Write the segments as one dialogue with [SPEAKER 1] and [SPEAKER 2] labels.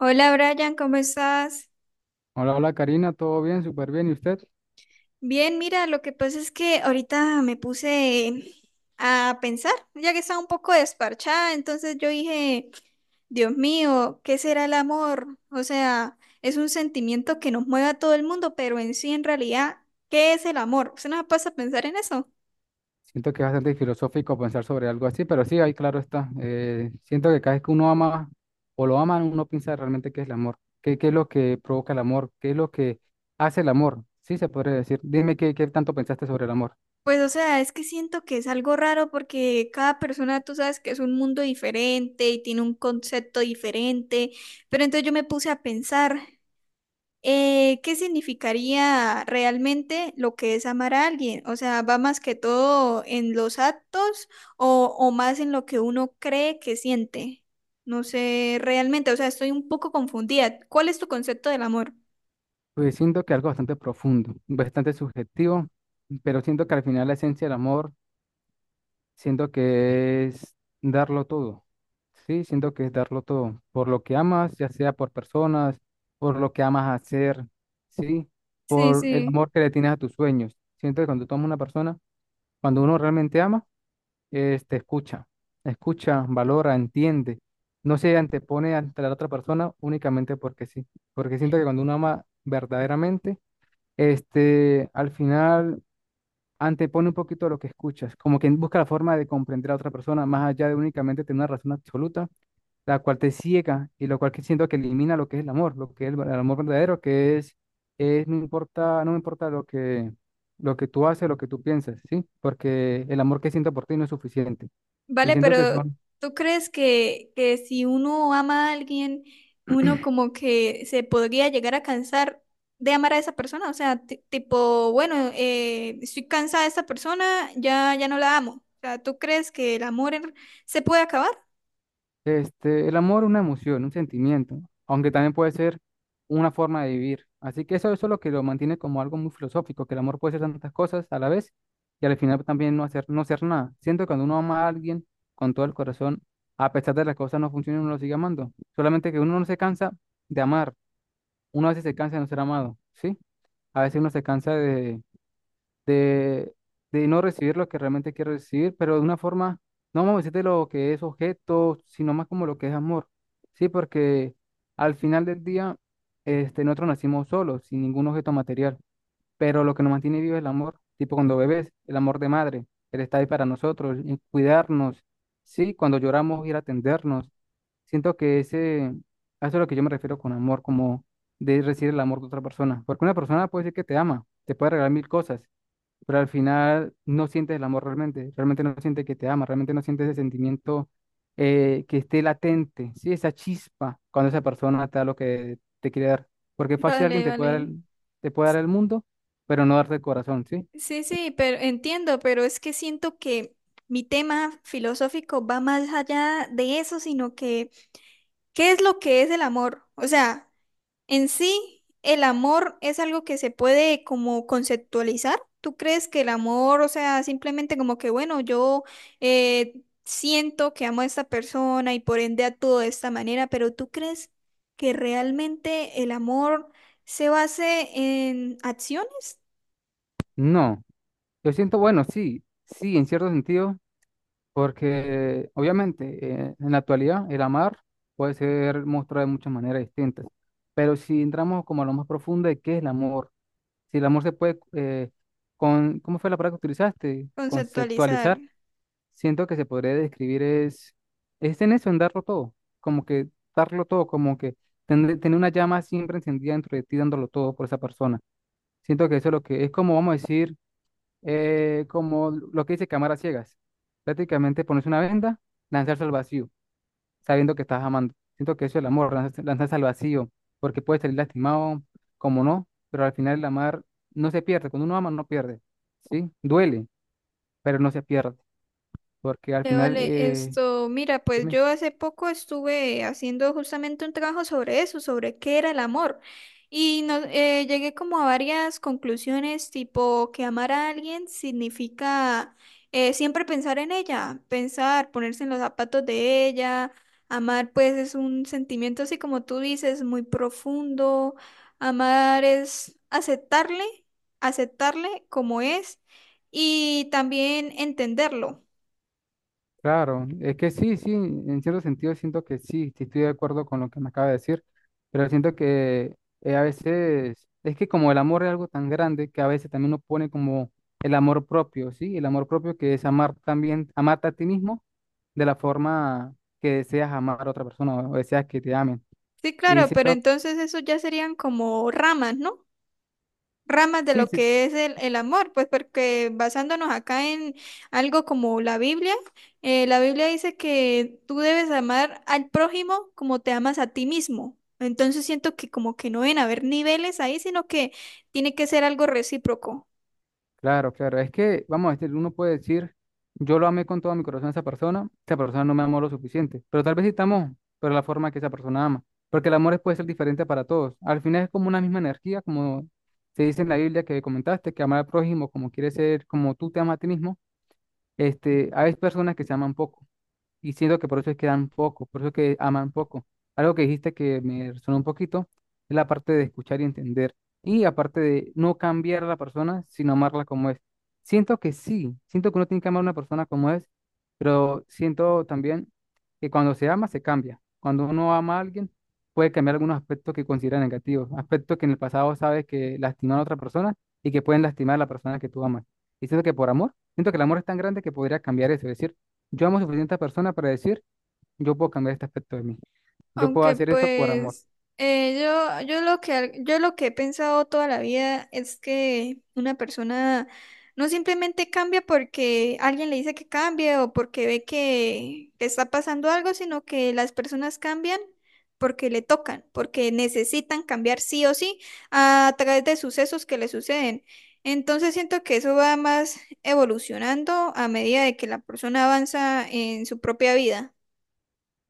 [SPEAKER 1] Hola Brian, ¿cómo estás?
[SPEAKER 2] Hola, Karina, ¿todo bien? Súper bien. ¿Y usted?
[SPEAKER 1] Bien, mira, lo que pasa es que ahorita me puse a pensar, ya que estaba un poco desparchada, entonces yo dije, Dios mío, ¿qué será el amor? O sea, es un sentimiento que nos mueve a todo el mundo, pero en sí, en realidad, ¿qué es el amor? ¿Usted no pasa a pensar en eso?
[SPEAKER 2] Siento que es bastante filosófico pensar sobre algo así, pero sí, ahí claro está. Siento que cada vez que uno ama o lo ama, uno piensa realmente qué es el amor, qué es lo que provoca el amor, qué es lo que hace el amor. Sí, se podría decir. Dime qué tanto pensaste sobre el amor.
[SPEAKER 1] Pues, o sea, es que siento que es algo raro porque cada persona, tú sabes que es un mundo diferente y tiene un concepto diferente, pero entonces yo me puse a pensar. ¿Qué significaría realmente lo que es amar a alguien? O sea, ¿va más que todo en los actos o, más en lo que uno cree que siente? No sé realmente, o sea, estoy un poco confundida. ¿Cuál es tu concepto del amor?
[SPEAKER 2] Pues siento que algo bastante profundo, bastante subjetivo, pero siento que al final la esencia del amor siento que es darlo todo. Sí, siento que es darlo todo. Por lo que amas, ya sea por personas, por lo que amas hacer, sí,
[SPEAKER 1] Sí,
[SPEAKER 2] por el
[SPEAKER 1] sí.
[SPEAKER 2] amor que le tienes a tus sueños. Siento que cuando tú amas a una persona, cuando uno realmente ama, es, te escucha, escucha, valora, entiende. No se antepone ante la otra persona únicamente porque sí. Porque siento que cuando uno ama verdaderamente, al final antepone un poquito lo que escuchas, como que busca la forma de comprender a otra persona más allá de únicamente tener una razón absoluta, la cual te ciega y lo cual que siento que elimina lo que es el amor, lo que es el amor verdadero, que es no importa, no me importa lo que tú haces, lo que tú piensas, ¿sí? Porque el amor que siento por ti no es suficiente. Y
[SPEAKER 1] Vale,
[SPEAKER 2] siento que
[SPEAKER 1] pero
[SPEAKER 2] son...
[SPEAKER 1] ¿tú crees que si uno ama a alguien, uno como que se podría llegar a cansar de amar a esa persona? O sea, tipo, bueno, estoy cansada de esta persona, ya, ya no la amo. O sea, ¿tú crees que el se puede acabar?
[SPEAKER 2] El amor es una emoción, un sentimiento, aunque también puede ser una forma de vivir. Así que eso es lo que lo mantiene como algo muy filosófico, que el amor puede ser tantas cosas a la vez y al final también no hacer, no ser nada. Siento que cuando uno ama a alguien con todo el corazón, a pesar de las cosas no funcionen, uno lo sigue amando. Solamente que uno no se cansa de amar, uno a veces se cansa de no ser amado, ¿sí? A veces uno se cansa de, de no recibir lo que realmente quiero recibir, pero de una forma, no vamos a decir de lo que es objeto, sino más como lo que es amor. Sí, porque al final del día, nosotros nacimos solos, sin ningún objeto material, pero lo que nos mantiene vivo es el amor, tipo cuando bebés, el amor de madre, él está ahí para nosotros, y cuidarnos, sí, cuando lloramos, ir a atendernos. Siento que ese, a eso es lo que yo me refiero con amor, como de recibir el amor de otra persona, porque una persona puede decir que te ama, te puede regalar mil cosas, pero al final no sientes el amor realmente, realmente no sientes que te ama, realmente no sientes ese sentimiento que esté latente, ¿sí? Esa chispa cuando esa persona te da lo que te quiere dar. Porque fácil alguien
[SPEAKER 1] Vale,
[SPEAKER 2] te puede dar
[SPEAKER 1] vale.
[SPEAKER 2] te puede dar el mundo, pero no darte el corazón, ¿sí?
[SPEAKER 1] Sí, sí, pero entiendo, pero es que siento que mi tema filosófico va más allá de eso, sino que, ¿qué es lo que es el amor? O sea... En sí, el amor es algo que se puede como conceptualizar. ¿Tú crees que el amor, o sea, simplemente como que, bueno, yo siento que amo a esta persona y por ende actúo de esta manera, pero tú crees que realmente el amor se base en acciones?
[SPEAKER 2] No, yo siento, bueno, sí, sí, en cierto sentido, porque obviamente en la actualidad el amar puede ser mostrado de muchas maneras distintas, pero si entramos como a lo más profundo de qué es el amor, si el amor se puede, con, ¿cómo fue la palabra que utilizaste?
[SPEAKER 1] Conceptualizar.
[SPEAKER 2] Conceptualizar. Siento que se podría describir es en eso, en darlo todo, como que darlo todo, como que tener una llama siempre encendida dentro de ti, dándolo todo por esa persona. Siento que eso es lo que es como, vamos a decir, como lo que dice cámara ciegas. Prácticamente ponerse una venda, lanzarse al vacío sabiendo que estás amando. Siento que eso es el amor, lanzarse, lanzarse al vacío, porque puedes salir lastimado, como no, pero al final el amar no se pierde. Cuando uno ama, no pierde, ¿sí? Duele, pero no se pierde, porque al final,
[SPEAKER 1] Vale, esto, mira, pues
[SPEAKER 2] dime,
[SPEAKER 1] yo hace poco estuve haciendo justamente un trabajo sobre eso, sobre qué era el amor. Y no, llegué como a varias conclusiones, tipo que amar a alguien significa siempre pensar en ella, pensar, ponerse en los zapatos de ella. Amar, pues, es un sentimiento así como tú dices, muy profundo. Amar es aceptarle, aceptarle como es y también entenderlo.
[SPEAKER 2] claro, es que sí, sí, en cierto sentido siento que sí, sí estoy de acuerdo con lo que me acaba de decir, pero siento que a veces, es que como el amor es algo tan grande que a veces también uno pone como el amor propio, ¿sí? El amor propio que es amar también, amarte a ti mismo de la forma que deseas amar a otra persona o deseas que te amen.
[SPEAKER 1] Sí,
[SPEAKER 2] Y
[SPEAKER 1] claro, pero
[SPEAKER 2] siento,
[SPEAKER 1] entonces eso ya serían como ramas, ¿no? Ramas de
[SPEAKER 2] sí,
[SPEAKER 1] lo
[SPEAKER 2] sí,
[SPEAKER 1] que es el amor, pues porque basándonos acá en algo como la Biblia dice que tú debes amar al prójimo como te amas a ti mismo. Entonces siento que como que no deben haber niveles ahí, sino que tiene que ser algo recíproco.
[SPEAKER 2] claro, claro, es que, vamos, uno puede decir, yo lo amé con todo mi corazón a esa persona no me amó lo suficiente, pero tal vez sí te amó, pero la forma que esa persona ama, porque el amor es- puede ser diferente para todos. Al final es como una misma energía, como se dice en la Biblia que comentaste, que amar al prójimo como quiere ser, como tú te amas a ti mismo, hay personas que se aman poco. Y siento que por eso es que dan poco, por eso es que aman poco. Algo que dijiste que me resonó un poquito es la parte de escuchar y entender. Y aparte de no cambiar a la persona, sino amarla como es. Siento que sí, siento que uno tiene que amar a una persona como es, pero siento también que cuando se ama, se cambia. Cuando uno ama a alguien, puede cambiar algunos aspectos que considera negativos, aspectos que en el pasado sabes que lastimaron a otra persona y que pueden lastimar a la persona que tú amas. Y siento que por amor, siento que el amor es tan grande que podría cambiar eso, es decir, yo amo suficiente a persona para decir, yo puedo cambiar este aspecto de mí. Yo puedo
[SPEAKER 1] Aunque
[SPEAKER 2] hacer esto por amor.
[SPEAKER 1] pues yo lo que yo lo que he pensado toda la vida es que una persona no simplemente cambia porque alguien le dice que cambie o porque ve que está pasando algo, sino que las personas cambian porque le tocan, porque necesitan cambiar sí o sí a través de sucesos que le suceden. Entonces siento que eso va más evolucionando a medida de que la persona avanza en su propia vida.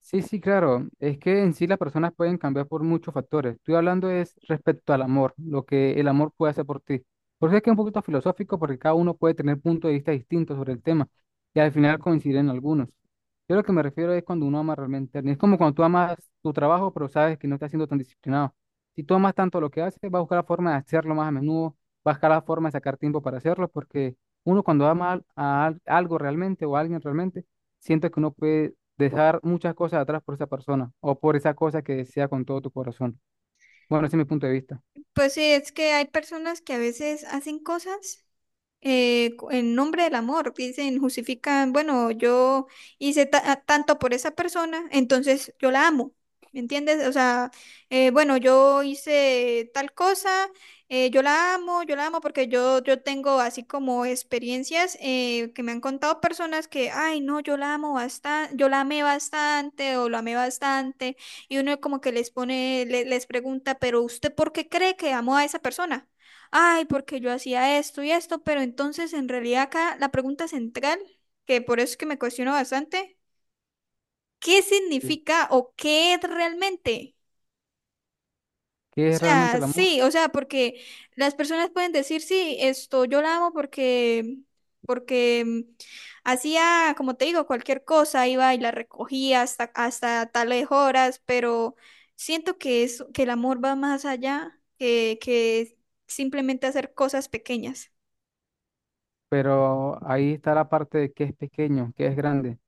[SPEAKER 2] Sí, sí, claro. Es que en sí las personas pueden cambiar por muchos factores. Estoy hablando es respecto al amor, lo que el amor puede hacer por ti. Por eso es que es un poquito filosófico, porque cada uno puede tener puntos de vista distintos sobre el tema y al final coinciden algunos. Yo lo que me refiero es cuando uno ama realmente a alguien. Es como cuando tú amas tu trabajo, pero sabes que no estás siendo tan disciplinado. Si tú amas tanto lo que haces, vas a buscar la forma de hacerlo más a menudo, vas a buscar la forma de sacar tiempo para hacerlo, porque uno cuando ama al- a al- algo realmente o a alguien realmente, siente que uno puede dejar muchas cosas atrás por esa persona o por esa cosa que desea con todo tu corazón. Bueno, ese es mi punto de vista.
[SPEAKER 1] Pues sí, es que hay personas que a veces hacen cosas en nombre del amor, dicen, justifican, bueno, yo hice tanto por esa persona, entonces yo la amo, ¿me entiendes? O sea, bueno, yo hice tal cosa, yo la amo porque yo tengo así como experiencias que me han contado personas que, ay, no, yo la amo bastante, yo la amé bastante o lo amé bastante, y uno como que les pone, les pregunta, pero ¿usted por qué cree que amó a esa persona? Ay, porque yo hacía esto y esto, pero entonces en realidad acá la pregunta central, que por eso es que me cuestiono bastante, ¿qué
[SPEAKER 2] Sí.
[SPEAKER 1] significa o qué es realmente? O
[SPEAKER 2] ¿Qué es realmente
[SPEAKER 1] sea,
[SPEAKER 2] el amor?
[SPEAKER 1] sí, o sea, porque las personas pueden decir, sí, esto yo la amo porque mm, hacía, como te digo, cualquier cosa, iba y la recogía hasta tales horas, pero siento que es, que el amor va más allá que simplemente hacer cosas pequeñas.
[SPEAKER 2] Pero ahí está la parte de qué es pequeño, qué es grande.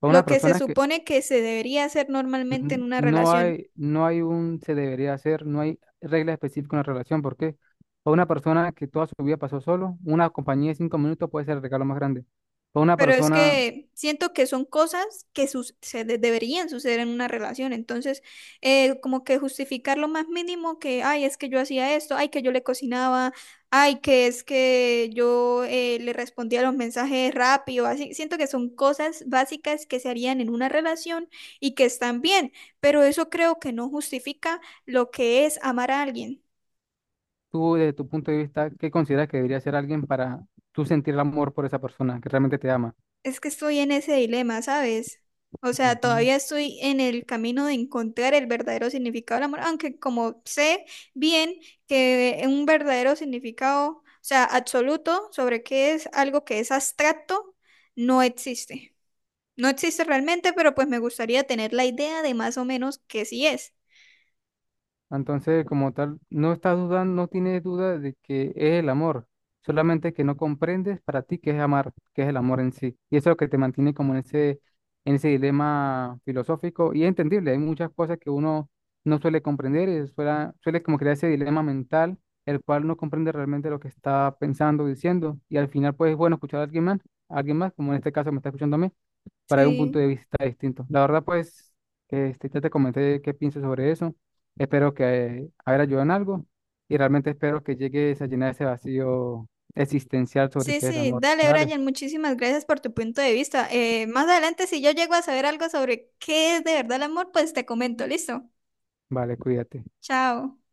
[SPEAKER 2] Para una
[SPEAKER 1] Lo que se
[SPEAKER 2] persona que
[SPEAKER 1] supone que se debería hacer normalmente en una
[SPEAKER 2] no
[SPEAKER 1] relación.
[SPEAKER 2] hay, no hay un se debería hacer, no hay regla específica en la relación. ¿Por qué? Para una persona que toda su vida pasó solo, una compañía de 5 minutos puede ser el regalo más grande. Para una
[SPEAKER 1] Pero es
[SPEAKER 2] persona,
[SPEAKER 1] que siento que son cosas que deberían suceder en una relación. Entonces, como que justificar lo más mínimo que, ay, es que yo hacía esto, ay, que yo le cocinaba, ay, que es que yo le respondía los mensajes rápido, así. Siento que son cosas básicas que se harían en una relación y que están bien, pero eso creo que no justifica lo que es amar a alguien.
[SPEAKER 2] tú desde tu punto de vista, ¿qué consideras que debería ser alguien para tú sentir el amor por esa persona que realmente te ama?
[SPEAKER 1] Es que estoy en ese dilema, ¿sabes? O sea,
[SPEAKER 2] Ujú.
[SPEAKER 1] todavía estoy en el camino de encontrar el verdadero significado del amor, aunque como sé bien que un verdadero significado, o sea, absoluto sobre qué es algo que es abstracto, no existe. No existe realmente, pero pues me gustaría tener la idea de más o menos qué sí es.
[SPEAKER 2] Entonces, como tal, no estás dudando, no tienes duda de que es el amor, solamente que no comprendes para ti qué es amar, qué es el amor en sí. Y eso es lo que te mantiene como en ese dilema filosófico y es entendible. Hay muchas cosas que uno no suele comprender y suele como crear ese dilema mental, el cual no comprende realmente lo que está pensando, diciendo. Y al final, pues es bueno escuchar a alguien más, como en este caso me está escuchando a mí para dar un punto
[SPEAKER 1] Sí.
[SPEAKER 2] de vista distinto. La verdad, pues, ya te comenté qué pienso sobre eso. Espero que haber ayudado en algo y realmente espero que llegues a llenar ese vacío existencial sobre
[SPEAKER 1] Sí,
[SPEAKER 2] qué es el
[SPEAKER 1] sí,
[SPEAKER 2] amor.
[SPEAKER 1] dale,
[SPEAKER 2] Dale,
[SPEAKER 1] Brian, muchísimas gracias por tu punto de vista. Más adelante, si yo llego a saber algo sobre qué es de verdad el amor, pues te comento, listo.
[SPEAKER 2] vale, cuídate.
[SPEAKER 1] Chao.